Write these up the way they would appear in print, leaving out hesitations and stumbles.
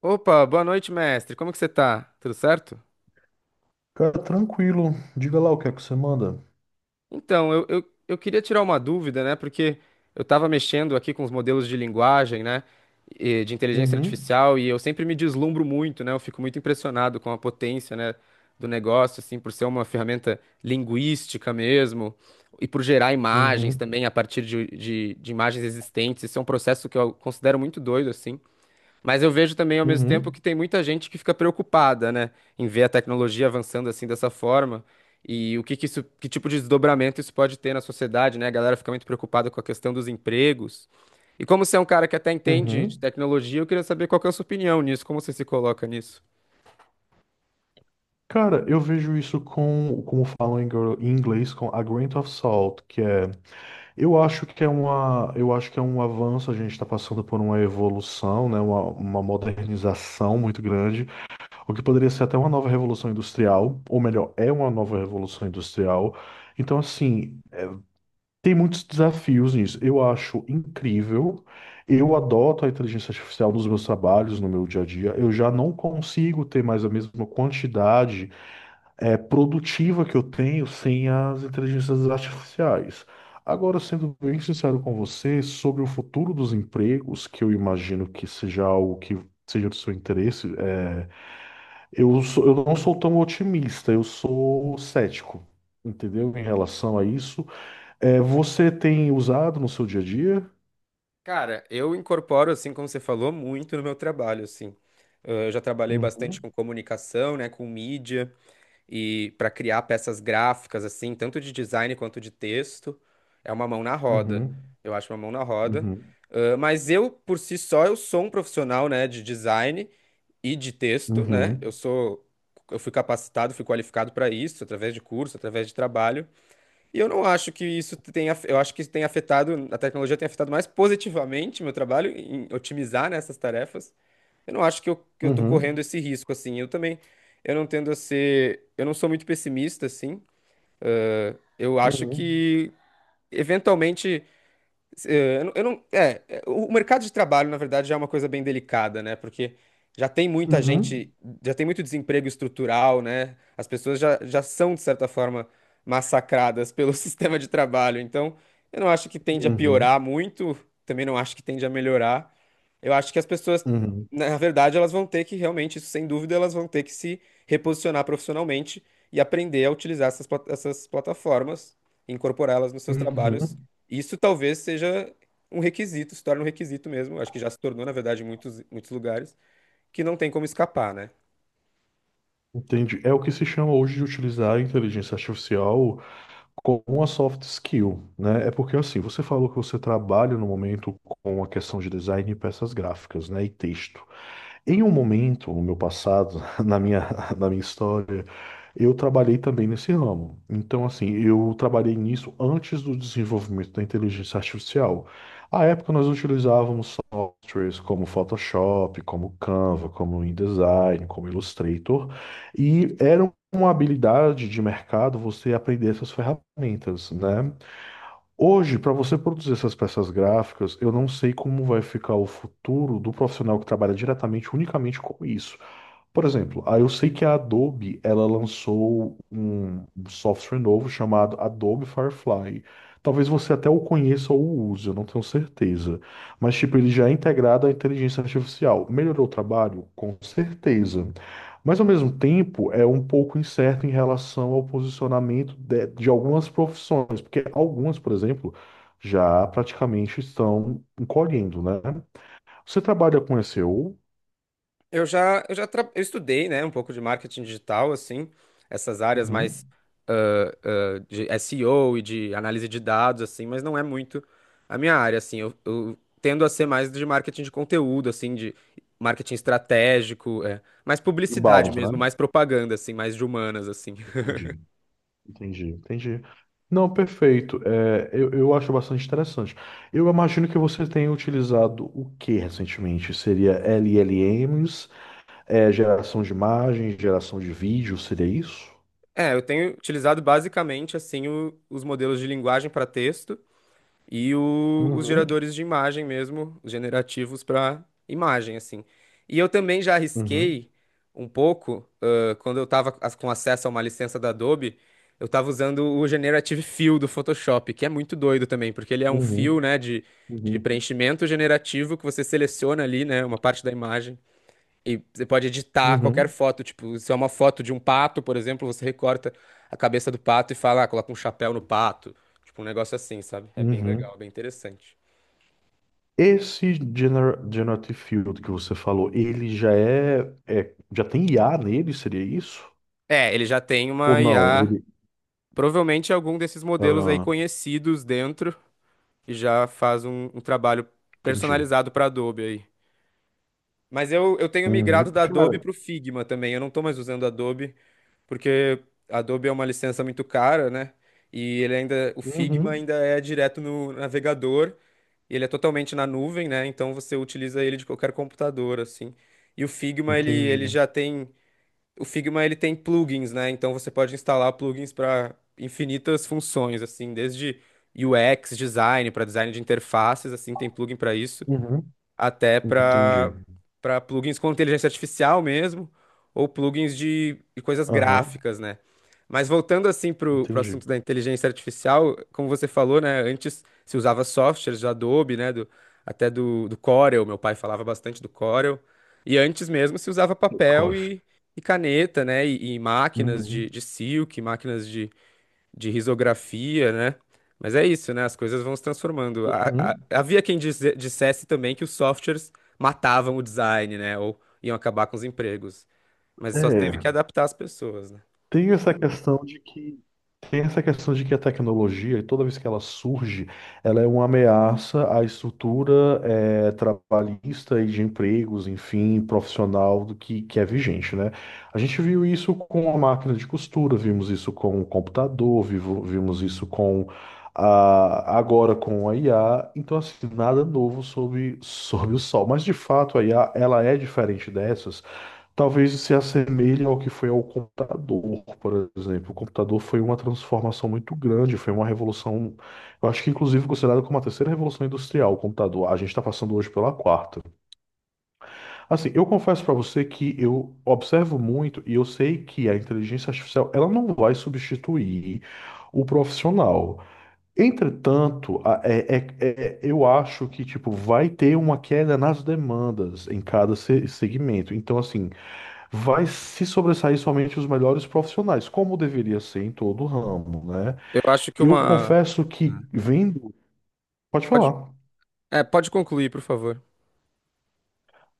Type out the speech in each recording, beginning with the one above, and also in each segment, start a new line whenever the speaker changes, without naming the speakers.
Opa, boa noite, mestre. Como que você tá? Tudo certo?
Cara, tranquilo. Diga lá o que é que você manda.
Então, eu queria tirar uma dúvida, né? Porque eu estava mexendo aqui com os modelos de linguagem, né? De inteligência
Uhum,
artificial, e eu sempre me deslumbro muito, né? Eu fico muito impressionado com a potência, né? Do negócio, assim, por ser uma ferramenta linguística mesmo, e por gerar imagens
uhum,
também a partir de imagens existentes. Isso é um processo que eu considero muito doido, assim. Mas eu vejo também ao mesmo tempo
uhum,
que tem muita gente que fica preocupada, né, em ver a tecnologia avançando assim dessa forma e o que que isso, que tipo de desdobramento isso pode ter na sociedade, né? A galera fica muito preocupada com a questão dos empregos. E como você é um cara que até entende de
uhum.
tecnologia, eu queria saber qual que é a sua opinião nisso, como você se coloca nisso?
Cara, eu vejo isso com, como falam em em inglês, com a grain of salt, que é, eu acho que é um avanço. A gente está passando por uma evolução, né, uma modernização muito grande, o que poderia ser até uma nova revolução industrial, ou melhor, é uma nova revolução industrial. Então, assim, tem muitos desafios nisso. Eu acho incrível. Eu adoto a inteligência artificial nos meus trabalhos, no meu dia a dia. Eu já não consigo ter mais a mesma quantidade produtiva que eu tenho sem as inteligências artificiais. Agora, sendo bem sincero com você, sobre o futuro dos empregos, que eu imagino que seja algo que seja do seu interesse, eu não sou tão otimista, eu sou cético, entendeu? Em relação a isso. É, você tem usado no seu dia a dia?
Cara, eu incorporo, assim, como você falou, muito no meu trabalho, assim. Eu já trabalhei bastante
Uhum,
com comunicação, né, com mídia. E para criar peças gráficas assim, tanto de design quanto de texto, é uma mão na roda.
uhum,
Eu acho uma mão na roda.
uhum,
Ah, mas eu, por si só, eu sou um profissional, né, de design e de texto, né?
uhum,
Eu sou. Eu fui capacitado, fui qualificado para isso, através de curso, através de trabalho. E eu não acho que isso tenha. Eu acho que isso tem afetado, a tecnologia tem afetado mais positivamente meu trabalho em otimizar, né, essas tarefas. Eu não acho que eu tô correndo
uhum,
esse risco, assim. Eu também, eu não tendo a ser, eu não sou muito pessimista, assim. Eu acho
uhum,
que, eventualmente, eu não- o mercado de trabalho, na verdade, já é uma coisa bem delicada, né? Porque já tem muita
uhum,
gente, já tem muito desemprego estrutural, né? As pessoas já são, de certa forma, massacradas pelo sistema de trabalho. Então, eu não acho que tende a
uhum,
piorar muito, também não acho que tende a melhorar. Eu acho que as pessoas,
uhum,
na verdade, elas vão ter que realmente, isso sem dúvida, elas vão ter que se reposicionar profissionalmente e aprender a utilizar essas plataformas, incorporá-las nos seus trabalhos.
uhum.
Isso talvez seja um requisito, se torna um requisito mesmo. Acho que já se tornou, na verdade, em muitos lugares, que não tem como escapar, né?
Entendi. É o que se chama hoje de utilizar a inteligência artificial como uma soft skill, né? É porque assim, você falou que você trabalha no momento com a questão de design e peças gráficas, né? E texto. Em um momento, no meu passado, na minha história, eu trabalhei também nesse ramo. Então, assim, eu trabalhei nisso antes do desenvolvimento da inteligência artificial. À época, nós utilizávamos softwares como Photoshop, como Canva, como InDesign, como Illustrator, e era uma habilidade de mercado você aprender essas ferramentas, né? Hoje, para você produzir essas peças gráficas, eu não sei como vai ficar o futuro do profissional que trabalha diretamente, unicamente com isso. Por exemplo, eu sei que a Adobe, ela lançou um software novo chamado Adobe Firefly. Talvez você até o conheça ou use, eu não tenho certeza. Mas, tipo, ele já é integrado à inteligência artificial. Melhorou o trabalho? Com certeza. Mas, ao mesmo tempo, é um pouco incerto em relação ao posicionamento de algumas profissões. Porque algumas, por exemplo, já praticamente estão encolhendo, né? Você trabalha com SEO?
Eu estudei, né, um pouco de marketing digital, assim, essas áreas mais
Uhum.
de SEO e O e de análise de dados, assim, mas não é muito a minha área, assim. Eu tendo a ser mais de marketing de conteúdo, assim, de marketing estratégico, é, mais publicidade
Inbound, né?
mesmo, mais propaganda, assim, mais de humanas, assim.
Entendi, entendi, entendi. Não, perfeito. É, eu acho bastante interessante. Eu imagino que você tenha utilizado o que recentemente? Seria LLMs, geração de imagens, geração de vídeo, seria isso?
É, eu tenho utilizado basicamente, assim, os modelos de linguagem para texto e os
Uhum,
geradores de imagem mesmo, os generativos para imagem, assim. E eu também já
uhum,
arrisquei um pouco, quando eu estava com acesso a uma licença da Adobe, eu estava usando o Generative Fill do Photoshop, que é muito doido também, porque ele é um fill
uhum,
né, de
uhum,
preenchimento generativo que você seleciona ali, né, uma parte da imagem. E você pode editar qualquer
uhum,
foto, tipo, se é uma foto de um pato, por exemplo, você recorta a cabeça do pato e fala, ah, coloca um chapéu no pato. Tipo, um negócio assim, sabe? É bem
uhum.
legal, bem interessante.
Esse Generative Field que você falou, ele já já tem IA nele, seria isso?
É, ele já tem
Ou
uma
não?
IA,
Ele.
provavelmente algum desses modelos aí
Ah,
conhecidos dentro, e já faz um trabalho
entendi.
personalizado para Adobe aí. Mas eu tenho migrado
Uhum.
da
Cara,
Adobe pro Figma também, eu não tô mais usando Adobe, porque Adobe é uma licença muito cara, né? E ele ainda, o Figma
uhum.
ainda é direto no navegador. Ele é totalmente na nuvem, né? Então você utiliza ele de qualquer computador, assim. E o Figma, ele
Entendi.
já tem. O Figma, ele tem plugins, né? Então você pode instalar plugins para infinitas funções, assim, desde UX, design, para design de interfaces, assim, tem plugin para isso
Uhum.
até
Entendi.
para para plugins com inteligência artificial mesmo, ou plugins de coisas
Aham,
gráficas, né? Mas voltando assim para o
entendi.
assunto da inteligência artificial, como você falou, né? Antes se usava softwares do Adobe, né? Até do Corel, meu pai falava bastante do Corel. E antes mesmo se usava papel
Corf.
e, e caneta, né? E máquinas
Uhum.
de silk, máquinas de risografia, né? Mas é isso, né? As coisas vão se transformando.
Uhum.
Havia quem dissesse também que os softwares matavam o design, né? Ou iam acabar com os empregos. Mas só teve que
É.
adaptar as pessoas, né?
Tem essa questão de que Tem essa questão de que a tecnologia, toda vez que ela surge, ela é uma ameaça à estrutura trabalhista e de empregos, enfim, profissional do que é vigente, né? A gente viu isso com a máquina de costura, vimos isso com o computador, vimos isso agora com a IA. Então, assim, nada novo sobre o sol. Mas de fato, a IA ela é diferente dessas. Talvez se assemelhe ao que foi ao computador, por exemplo. O computador foi uma transformação muito grande, foi uma revolução, eu acho que inclusive considerada como a terceira revolução industrial, o computador. A gente está passando hoje pela quarta. Assim, eu confesso para você que eu observo muito e eu sei que a inteligência artificial, ela não vai substituir o profissional. Entretanto, eu acho que tipo vai ter uma queda nas demandas em cada segmento. Então, assim, vai se sobressair somente os melhores profissionais, como deveria ser em todo o ramo, né?
Eu acho que
Eu
uma.
confesso que vendo. Pode
Pode,
falar.
é, pode concluir, por favor.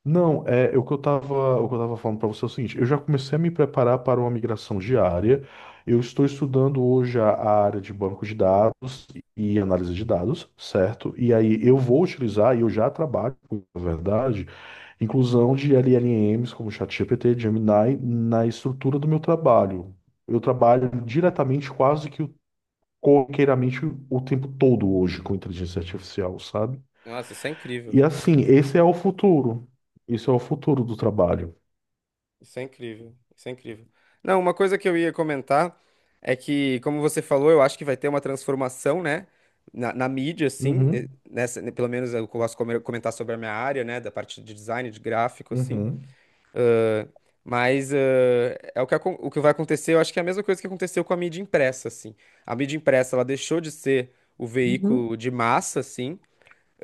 Não, o que eu tava, falando para você é o seguinte: eu já comecei a me preparar para uma migração diária. Eu estou estudando hoje a área de banco de dados e análise de dados, certo? E aí eu vou utilizar, e eu já trabalho com, na verdade, inclusão de LLMs como ChatGPT, Gemini, na estrutura do meu trabalho. Eu trabalho diretamente, quase que corriqueiramente, o tempo todo hoje com inteligência artificial, sabe?
Nossa, isso é incrível.
E assim, esse é o futuro. Isso é o futuro do trabalho.
Isso é incrível, isso é incrível. Não, uma coisa que eu ia comentar é que, como você falou, eu acho que vai ter uma transformação, né, na mídia, assim,
Uhum,
nessa, né, pelo menos eu posso comentar sobre a minha área, né, da parte de design, de gráfico, assim,
uhum,
mas é o que, o que vai acontecer, eu acho que é a mesma coisa que aconteceu com a mídia impressa, assim. A mídia impressa, ela deixou de ser o veículo
uhum,
de massa, assim,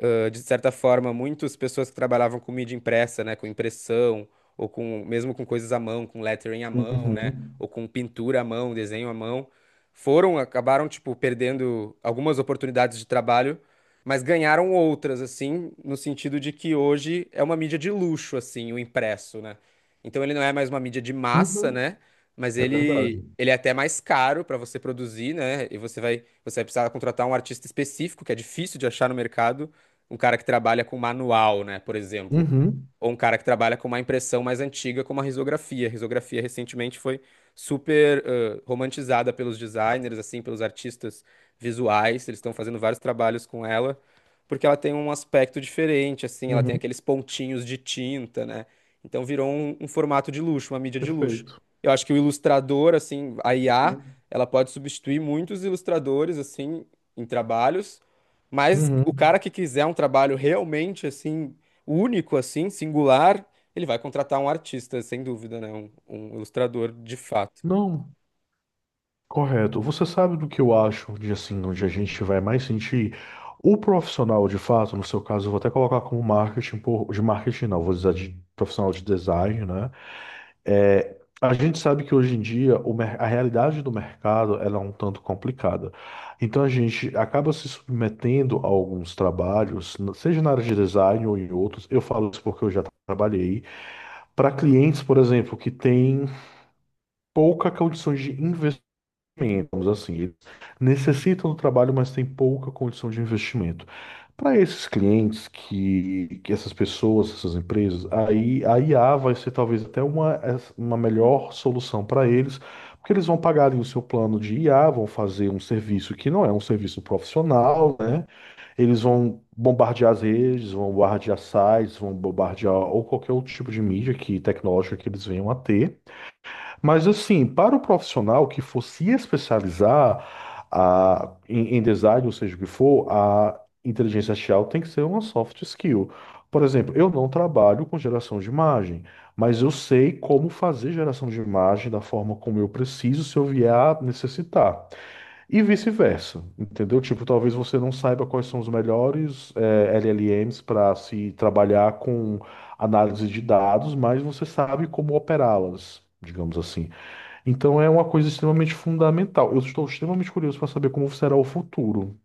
ah, de certa forma, muitas pessoas que trabalhavam com mídia impressa, né, com impressão, ou com mesmo com coisas à mão, com lettering à mão, né,
uhum,
ou com pintura à mão, desenho à mão, foram, acabaram, tipo, perdendo algumas oportunidades de trabalho, mas ganharam outras, assim, no sentido de que hoje é uma mídia de luxo, assim, o impresso, né? Então ele não é mais uma mídia de massa,
uhum,
né? Mas
é verdade.
ele é até mais caro para você produzir, né? E você vai precisar contratar um artista específico, que é difícil de achar no mercado, um cara que trabalha com manual, né, por exemplo,
Uhum,
ou um cara que trabalha com uma impressão mais antiga, como a risografia. A risografia recentemente foi super romantizada pelos designers, assim, pelos artistas visuais. Eles estão fazendo vários trabalhos com ela, porque ela tem um aspecto diferente, assim, ela tem
uhum.
aqueles pontinhos de tinta, né? Então virou um formato de luxo, uma mídia de luxo.
Perfeito.
Eu acho que o ilustrador, assim, a IA,
Uhum.
ela pode substituir muitos ilustradores, assim, em trabalhos. Mas o
Uhum.
cara que quiser um trabalho realmente assim, único assim, singular, ele vai contratar um artista, sem dúvida, né? Um ilustrador de fato.
Não, correto. Você sabe do que eu acho? De assim, onde a gente vai mais sentir o profissional de fato, no seu caso, eu vou até colocar como marketing, por, de marketing não, vou dizer de profissional de design, né? É, a gente sabe que hoje em dia o a realidade do mercado ela é um tanto complicada. Então a gente acaba se submetendo a alguns trabalhos, seja na área de design ou em outros. Eu falo isso porque eu já trabalhei para clientes, por exemplo, que têm pouca condição de investir investimentos, assim. Eles necessitam do trabalho, mas têm pouca condição de investimento. Para esses clientes, que essas pessoas, essas empresas, aí a IA vai ser talvez até uma, melhor solução para eles, porque eles vão pagar ali o seu plano de IA, vão fazer um serviço que não é um serviço profissional, né? Eles vão bombardear as redes, vão bombardear sites, vão bombardear ou qualquer outro tipo de mídia que tecnológica que eles venham a ter. Mas assim, para o profissional que for se especializar em design, ou seja o que for, a inteligência artificial tem que ser uma soft skill. Por exemplo, eu não trabalho com geração de imagem, mas eu sei como fazer geração de imagem da forma como eu preciso se eu vier a necessitar. E vice-versa, entendeu? Tipo, talvez você não saiba quais são os melhores LLMs para se trabalhar com análise de dados, mas você sabe como operá-las, digamos assim. Então é uma coisa extremamente fundamental. Eu estou extremamente curioso para saber como será o futuro,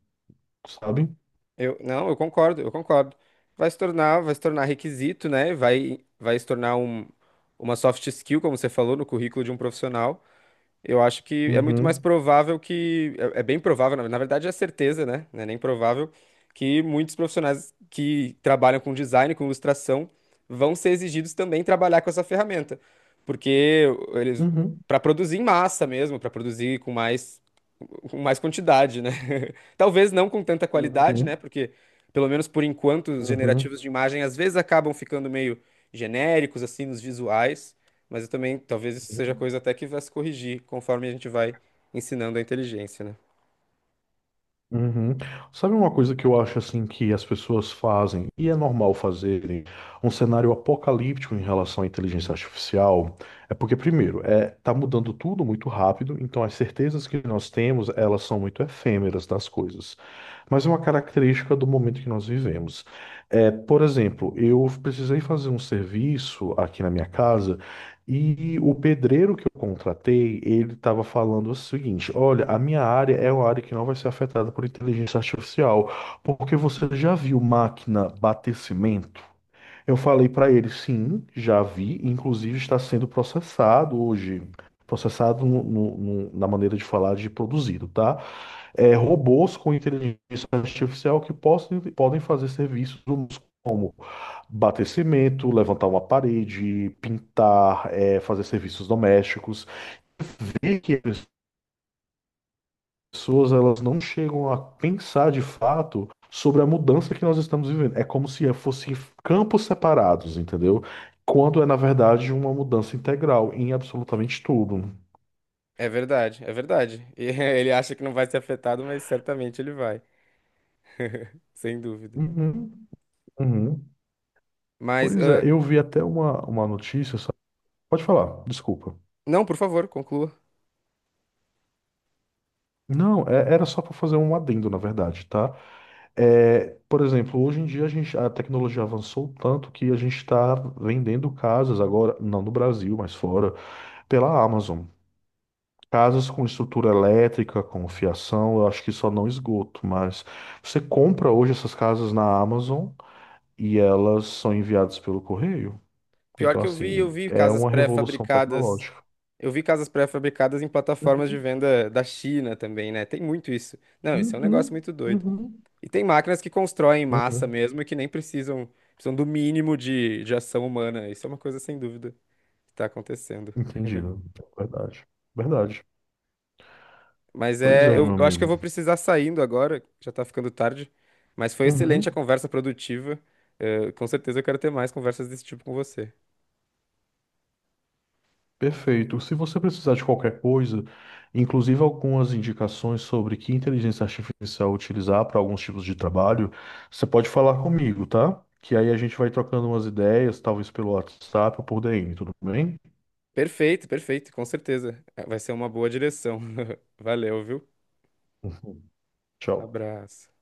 sabe?
Eu, não, eu concordo, eu concordo. Vai se tornar requisito, né? Vai, vai se tornar uma soft skill, como você falou, no currículo de um profissional. Eu acho que é muito mais
Uhum,
provável que. É, é bem provável, na verdade é certeza, né? Não é nem provável que muitos profissionais que trabalham com design, com ilustração, vão ser exigidos também trabalhar com essa ferramenta. Porque eles.
uhum,
Para produzir em massa mesmo, para produzir com mais quantidade, né? Talvez não com tanta qualidade, né?
uhum,
Porque, pelo menos por enquanto, os
uhum,
generativos de imagem às vezes acabam ficando meio genéricos, assim, nos visuais. Mas eu também, talvez isso seja
uhum.
coisa até que vai se corrigir conforme a gente vai ensinando a inteligência, né?
Uhum. Sabe uma coisa que eu acho assim que as pessoas fazem, e é normal fazerem, um cenário apocalíptico em relação à inteligência artificial? É porque, primeiro, tá mudando tudo muito rápido, então as certezas que nós temos, elas são muito efêmeras das coisas. Mas é uma característica do momento que nós vivemos. É, por exemplo, eu precisei fazer um serviço aqui na minha casa. E o pedreiro que eu contratei, ele estava falando o seguinte: olha, a minha área é uma área que não vai ser afetada por inteligência artificial, porque você já viu máquina bater cimento? Eu falei para ele: sim, já vi, inclusive está sendo processado hoje. Processado na maneira de falar, de produzido, tá? Robôs com inteligência artificial que possam, podem fazer serviços humanos como bater cimento, levantar uma parede, pintar, fazer serviços domésticos. Ver que as pessoas, elas não chegam a pensar de fato sobre a mudança que nós estamos vivendo. É como se fossem campos separados, entendeu? Quando é, na verdade, uma mudança integral em absolutamente tudo.
É verdade, é verdade. E Ele acha que não vai ser afetado, mas certamente ele vai. Sem dúvida.
Uhum, uhum.
Mas,
Pois é,
ah,
eu vi até uma, notícia, sabe? Pode falar, desculpa.
não, por favor, conclua.
Não, era só para fazer um adendo, na verdade, tá? É, por exemplo, hoje em dia a tecnologia avançou tanto que a gente está vendendo casas agora, não no Brasil, mas fora, pela Amazon. Casas com estrutura elétrica, com fiação, eu acho que só não esgoto, mas você compra hoje essas casas na Amazon e elas são enviadas pelo correio.
Pior
Então,
que
assim,
eu vi
é
casas
uma revolução
pré-fabricadas.
tecnológica.
Eu vi casas pré-fabricadas em plataformas de
Uhum,
venda da China também, né? Tem muito isso. Não, isso é um negócio
uhum,
muito doido.
uhum,
E tem máquinas que constroem em massa
uhum.
mesmo e que nem precisam, precisam do mínimo de ação humana. Isso é uma coisa sem dúvida que tá acontecendo.
Entendido. Verdade. Verdade.
Mas
Pois
é,
é,
eu,
meu
eu acho que eu
amigo.
vou precisar saindo agora, já tá ficando tarde. Mas foi excelente a
Uhum.
conversa produtiva. Com certeza eu quero ter mais conversas desse tipo com você.
Perfeito. Se você precisar de qualquer coisa, inclusive algumas indicações sobre que inteligência artificial utilizar para alguns tipos de trabalho, você pode falar comigo, tá? Que aí a gente vai trocando umas ideias, talvez pelo WhatsApp ou por DM, tudo bem?
Perfeito, perfeito, com certeza. Vai ser uma boa direção. Valeu, viu?
Uhum. Tchau.
Abraço.